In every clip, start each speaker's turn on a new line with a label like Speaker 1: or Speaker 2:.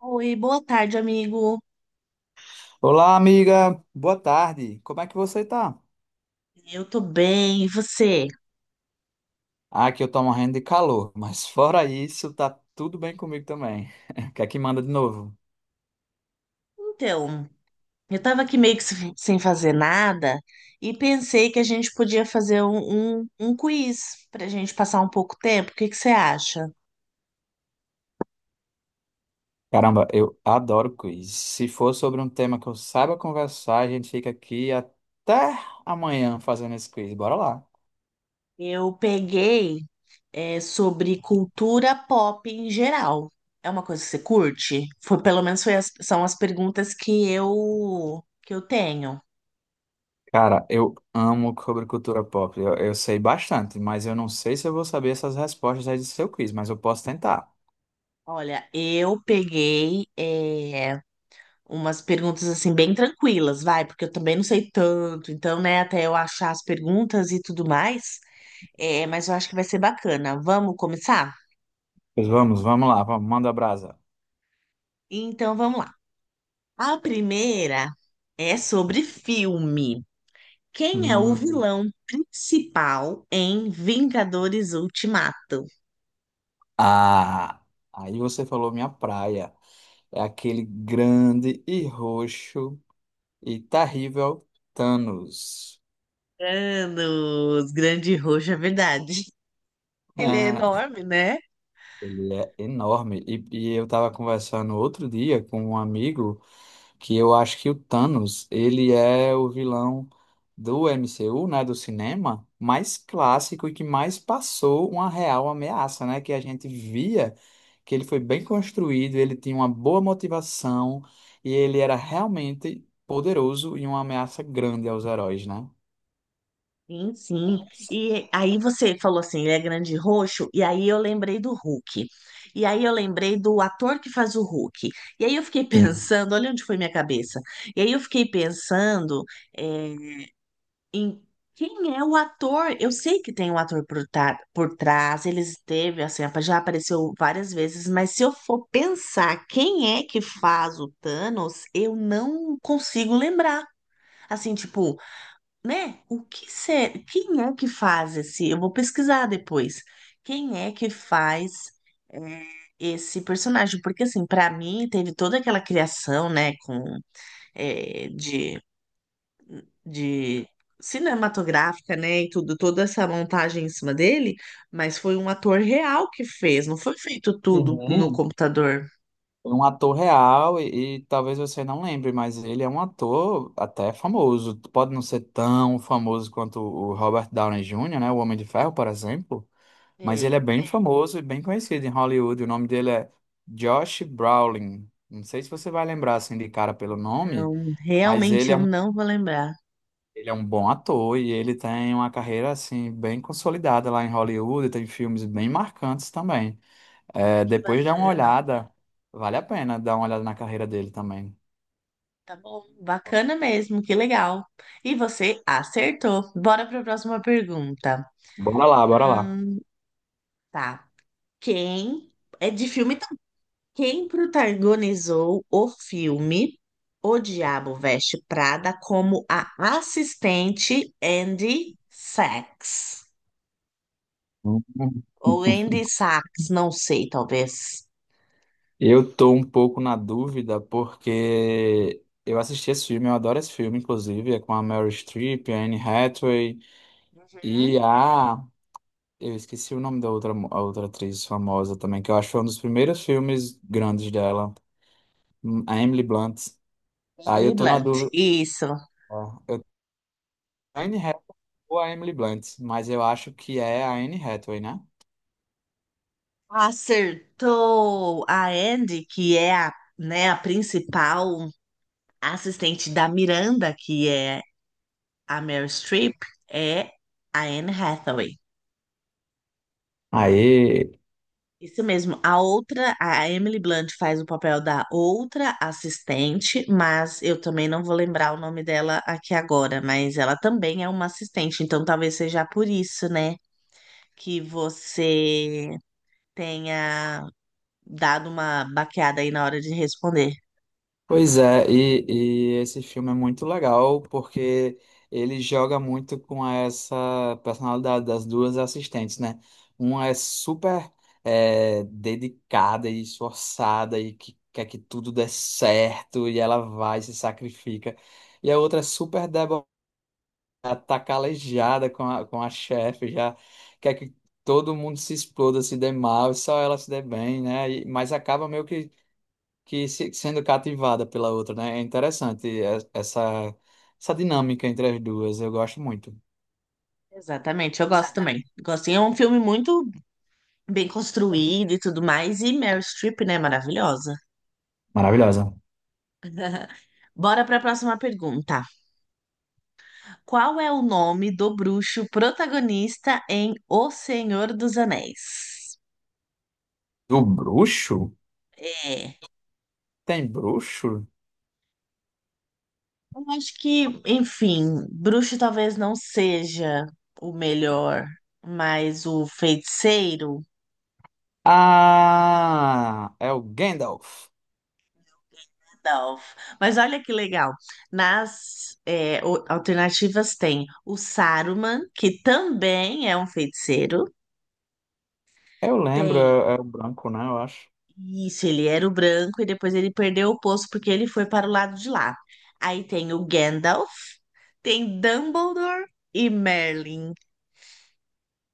Speaker 1: Oi, boa tarde, amigo.
Speaker 2: Olá, amiga. Boa tarde. Como é que você tá?
Speaker 1: Eu tô bem, e você?
Speaker 2: Ah, aqui eu tô morrendo de calor, mas fora isso, tá tudo bem comigo também. O que é que manda de novo?
Speaker 1: Então, eu tava aqui meio que sem fazer nada e pensei que a gente podia fazer um quiz pra gente passar um pouco tempo. O que que você acha?
Speaker 2: Caramba, eu adoro quiz. Se for sobre um tema que eu saiba conversar, a gente fica aqui até amanhã fazendo esse quiz. Bora lá.
Speaker 1: Eu peguei, sobre cultura pop em geral. É uma coisa que você curte? Foi, pelo menos foi são as perguntas que eu tenho.
Speaker 2: Cara, eu amo sobre cultura pop. Eu sei bastante, mas eu não sei se eu vou saber essas respostas aí do seu quiz, mas eu posso tentar.
Speaker 1: Olha, eu peguei umas perguntas assim bem tranquilas, vai, porque eu também não sei tanto, então, né, até eu achar as perguntas e tudo mais, mas eu acho que vai ser bacana. Vamos começar?
Speaker 2: Pois vamos, vamos lá, vamos, manda brasa.
Speaker 1: Então, vamos lá. A primeira é sobre filme. Quem é o
Speaker 2: Hum.
Speaker 1: vilão principal em Vingadores Ultimato?
Speaker 2: Ah, aí você falou minha praia. É aquele grande e roxo e terrível Thanos.
Speaker 1: Thanos, grande roxo, é verdade. Ele é enorme, né?
Speaker 2: Ele é enorme. E eu estava conversando outro dia com um amigo, que eu acho que o Thanos, ele é o vilão do MCU, né, do cinema, mais clássico e que mais passou uma real ameaça, né, que a gente via, que ele foi bem construído, ele tinha uma boa motivação e ele era realmente poderoso e uma ameaça grande aos heróis, né?
Speaker 1: Sim, sim. E aí você falou assim, ele é grande e roxo, e aí eu lembrei do Hulk. E aí eu lembrei do ator que faz o Hulk. E aí eu fiquei
Speaker 2: Sim.
Speaker 1: pensando, olha onde foi minha cabeça. E aí eu fiquei pensando, é, em quem é o ator? Eu sei que tem um ator por trás, ele esteve assim, já apareceu várias vezes, mas se eu for pensar quem é que faz o Thanos, eu não consigo lembrar. Assim, tipo, né? O que ser, quem é que faz esse? Eu vou pesquisar depois. Quem é que faz, é, esse personagem? Porque assim, para mim teve toda aquela criação, né, com é, de cinematográfica, né, e tudo, toda essa montagem em cima dele, mas foi um ator real que fez, não foi feito tudo no
Speaker 2: Sim.
Speaker 1: computador.
Speaker 2: Um ator real e talvez você não lembre, mas ele é um ator até famoso. Pode não ser tão famoso quanto o Robert Downey Jr., né? O Homem de Ferro, por exemplo, mas ele é
Speaker 1: Ei,
Speaker 2: bem famoso e bem conhecido em Hollywood. O nome dele é Josh Brolin. Não sei se você vai lembrar assim de cara pelo nome,
Speaker 1: não,
Speaker 2: mas
Speaker 1: realmente eu não vou lembrar.
Speaker 2: ele é um bom ator e ele tem uma carreira assim bem consolidada lá em Hollywood, tem filmes bem marcantes também. É,
Speaker 1: Que
Speaker 2: depois dá uma
Speaker 1: bacana.
Speaker 2: olhada. Vale a pena dar uma olhada na carreira dele também.
Speaker 1: Tá bom, bacana mesmo, que legal. E você acertou. Bora para a próxima pergunta.
Speaker 2: Bora lá, bora lá.
Speaker 1: Tá. Quem é de filme também? Quem protagonizou o filme O Diabo Veste Prada como a assistente Andy Sachs?
Speaker 2: Hum.
Speaker 1: Ou Andy Sachs, não sei, talvez.
Speaker 2: Eu tô um pouco na dúvida porque eu assisti esse filme, eu adoro esse filme, inclusive, é com a Meryl Streep, a Anne Hathaway
Speaker 1: Hum?
Speaker 2: e a... Eu esqueci o nome da outra, a outra atriz famosa também, que eu acho que foi um dos primeiros filmes grandes dela. A Emily Blunt. Aí eu
Speaker 1: Emily
Speaker 2: tô na
Speaker 1: Blunt,
Speaker 2: dúvida.
Speaker 1: isso.
Speaker 2: Ó, eu... A Anne Hathaway ou a Emily Blunt, mas eu acho que é a Anne Hathaway, né?
Speaker 1: Acertou a Andy, que é a, né, a principal. A assistente da Miranda, que é a Meryl Streep, é a Anne Hathaway.
Speaker 2: Aí...
Speaker 1: Isso mesmo. A outra, a Emily Blunt, faz o papel da outra assistente, mas eu também não vou lembrar o nome dela aqui agora, mas ela também é uma assistente, então talvez seja por isso, né, que você tenha dado uma baqueada aí na hora de responder.
Speaker 2: Pois é, e esse filme é muito legal porque ele joga muito com essa personalidade das duas assistentes, né? Uma é super, dedicada e esforçada e que quer que tudo dê certo e ela vai e se sacrifica. E a outra é super debochada, tá calejada com a chefe, já quer que todo mundo se exploda, se dê mal e só ela se dê bem, né? Mas acaba meio que sendo cativada pela outra, né? É interessante essa, essa dinâmica entre as duas. Eu gosto muito.
Speaker 1: Exatamente, eu gosto também. Gosto, e é um filme muito bem construído e tudo mais. E Meryl Streep, né? Maravilhosa.
Speaker 2: Maravilhosa.
Speaker 1: Bora para a próxima pergunta. Qual é o nome do bruxo protagonista em O Senhor dos Anéis?
Speaker 2: Do bruxo?
Speaker 1: É.
Speaker 2: Tem bruxo?
Speaker 1: Eu acho que, enfim, bruxo talvez não seja o melhor, mas o feiticeiro.
Speaker 2: Ah, é o Gandalf.
Speaker 1: Gandalf. Mas olha que legal. Alternativas tem o Saruman, que também é um feiticeiro.
Speaker 2: Eu lembro, é, é o branco, né? Eu acho.
Speaker 1: Isso, ele era o branco e depois ele perdeu o posto porque ele foi para o lado de lá. Aí tem o Gandalf, tem Dumbledore e Merlin.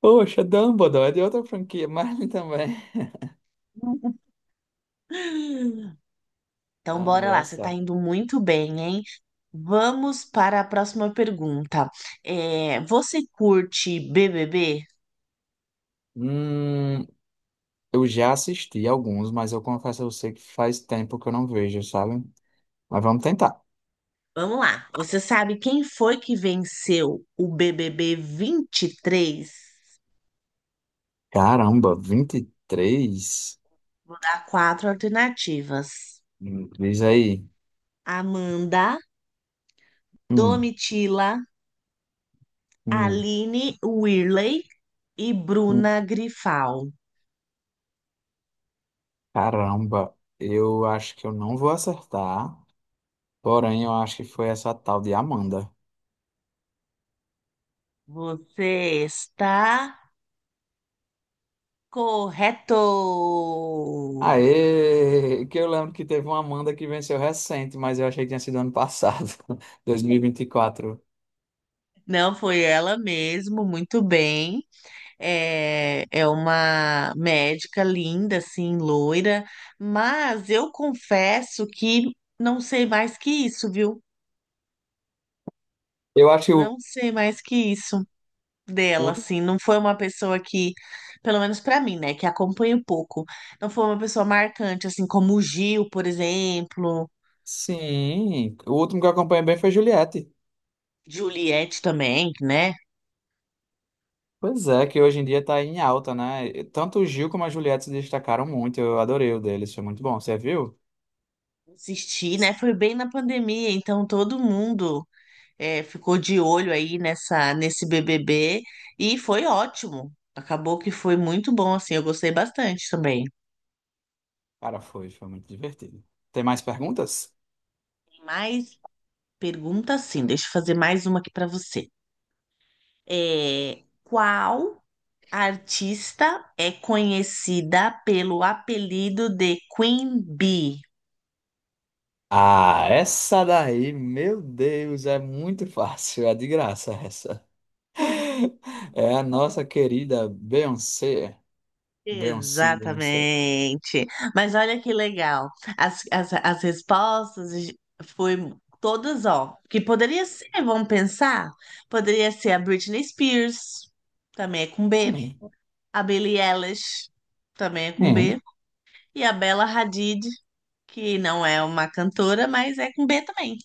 Speaker 2: Poxa, Dumbledore é de outra franquia, mas ele também.
Speaker 1: Então,
Speaker 2: Ah,
Speaker 1: bora lá, você tá
Speaker 2: engraçado.
Speaker 1: indo muito bem, hein? Vamos para a próxima pergunta. É, você curte BBB?
Speaker 2: Hum, eu já assisti alguns, mas eu confesso a você que faz tempo que eu não vejo, sabe? Mas vamos tentar.
Speaker 1: Vamos lá. Você sabe quem foi que venceu o BBB 23?
Speaker 2: Caramba, 23.
Speaker 1: Vou dar quatro alternativas:
Speaker 2: Diz aí.
Speaker 1: Amanda,
Speaker 2: Hum,
Speaker 1: Domitila,
Speaker 2: hum,
Speaker 1: Aline Whirley e
Speaker 2: hum.
Speaker 1: Bruna Grifal.
Speaker 2: Caramba, eu acho que eu não vou acertar. Porém, eu acho que foi essa tal de Amanda.
Speaker 1: Você está correto!
Speaker 2: Aê! Que eu lembro que teve uma Amanda que venceu recente, mas eu achei que tinha sido ano passado, dois mil e vinte e quatro.
Speaker 1: Não foi ela mesmo, muito bem. É, é uma médica linda, assim, loira, mas eu confesso que não sei mais que isso, viu?
Speaker 2: Eu acho que o
Speaker 1: Não sei mais que isso. Dela,
Speaker 2: último.
Speaker 1: assim, não foi uma pessoa que, pelo menos pra mim, né, que acompanho pouco, não foi uma pessoa marcante, assim, como o Gil, por exemplo.
Speaker 2: Sim, o último que eu acompanhei bem foi Juliette.
Speaker 1: Juliette também, né,
Speaker 2: Pois é, que hoje em dia tá em alta, né? Tanto o Gil como a Juliette se destacaram muito. Eu adorei o deles, foi muito bom. Você viu?
Speaker 1: assisti, né, foi bem na pandemia, então todo mundo, ficou de olho aí nessa, nesse BBB, e foi ótimo, acabou que foi muito bom, assim, eu gostei bastante também.
Speaker 2: Cara, foi muito divertido. Tem mais perguntas?
Speaker 1: Tem mais pergunta, sim, deixa eu fazer mais uma aqui pra você. É, qual a artista é conhecida pelo apelido de Queen Bee?
Speaker 2: Ah, essa daí, meu Deus, é muito fácil, é de graça essa. É a nossa querida Beyoncé. Beyoncé, Beyoncé.
Speaker 1: Exatamente. Mas olha que legal. As respostas foi todas, ó. Que poderia ser, vamos pensar? Poderia ser a Britney Spears, também é com B. A Billie Eilish, também é com B.
Speaker 2: Hum.
Speaker 1: E a Bella Hadid, que não é uma cantora, mas é com B também.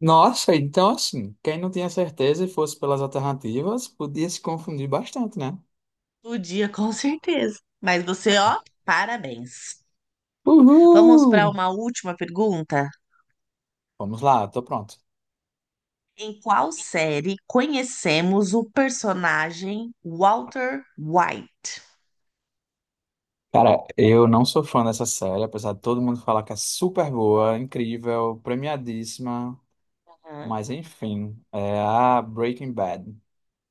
Speaker 2: Nossa, então assim, quem não tinha certeza e fosse pelas alternativas, podia se confundir bastante, né?
Speaker 1: O dia, com certeza. Mas você, ó, parabéns. Vamos
Speaker 2: Uhul!
Speaker 1: para uma última pergunta.
Speaker 2: Vamos lá, tô pronto.
Speaker 1: Em qual série conhecemos o personagem Walter White?
Speaker 2: Cara, eu não sou fã dessa série, apesar de todo mundo falar que é super boa, incrível, premiadíssima.
Speaker 1: Aham.
Speaker 2: Mas enfim, é a Breaking Bad.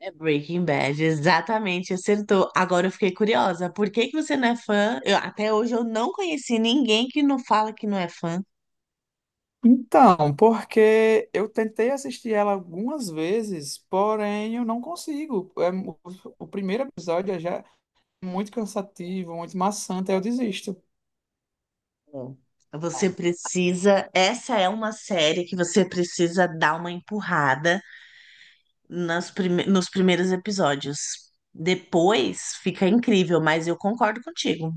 Speaker 1: É Breaking Bad, exatamente, acertou. Agora eu fiquei curiosa, por que que você não é fã? Eu- até hoje eu não conheci ninguém que não fala que não é fã.
Speaker 2: Então, porque eu tentei assistir ela algumas vezes, porém eu não consigo. É, o primeiro episódio é já muito cansativo, muito maçante, aí eu desisto.
Speaker 1: É. Você precisa, essa é uma série que você precisa dar uma empurrada nas nos primeiros episódios. Depois fica incrível, mas eu concordo contigo.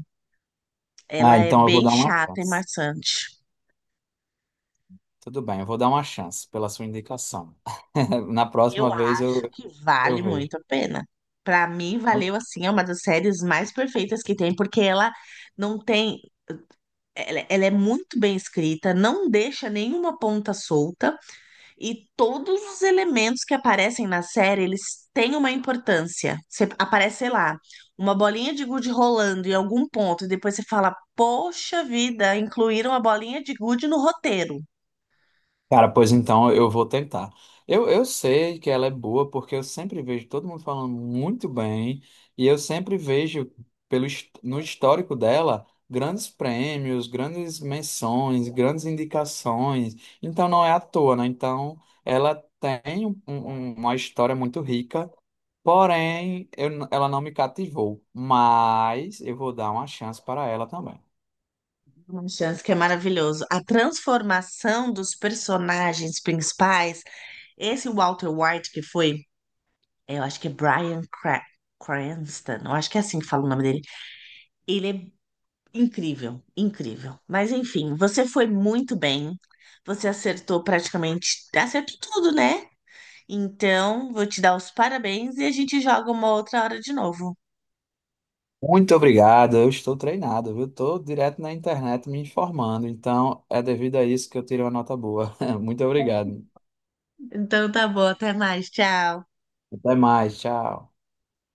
Speaker 1: Ela
Speaker 2: Ah,
Speaker 1: é
Speaker 2: então eu vou
Speaker 1: bem
Speaker 2: dar uma
Speaker 1: chata e
Speaker 2: chance.
Speaker 1: maçante.
Speaker 2: Tudo bem, eu vou dar uma chance pela sua indicação. Na
Speaker 1: Eu
Speaker 2: próxima vez
Speaker 1: acho que
Speaker 2: eu
Speaker 1: vale
Speaker 2: vejo.
Speaker 1: muito a pena. Pra mim, valeu assim, é uma das séries mais perfeitas que tem, porque ela não tem. Ela é muito bem escrita, não deixa nenhuma ponta solta, e todos os elementos que aparecem na série, eles têm uma importância. Você aparece, sei lá, uma bolinha de gude rolando em algum ponto, e depois você fala, poxa vida, incluíram a bolinha de gude no roteiro.
Speaker 2: Cara, pois então eu vou tentar. Eu sei que ela é boa porque eu sempre vejo todo mundo falando muito bem e eu sempre vejo no histórico dela grandes prêmios, grandes menções, grandes indicações. Então não é à toa, né? Então ela tem uma história muito rica, porém ela não me cativou. Mas eu vou dar uma chance para ela também.
Speaker 1: Uma chance que é maravilhoso. A transformação dos personagens principais, esse Walter White que foi, eu acho que é Bryan Cranston, eu acho que é assim que fala o nome dele. Ele é incrível, incrível. Mas enfim, você foi muito bem. Você acertou praticamente, acertou tudo, né? Então, vou te dar os parabéns e a gente joga uma outra hora de novo.
Speaker 2: Muito obrigado, eu estou treinado, viu? Estou direto na internet me informando, então é devido a isso que eu tirei uma nota boa. Muito obrigado.
Speaker 1: Então tá bom, até mais, tchau.
Speaker 2: Até mais, tchau.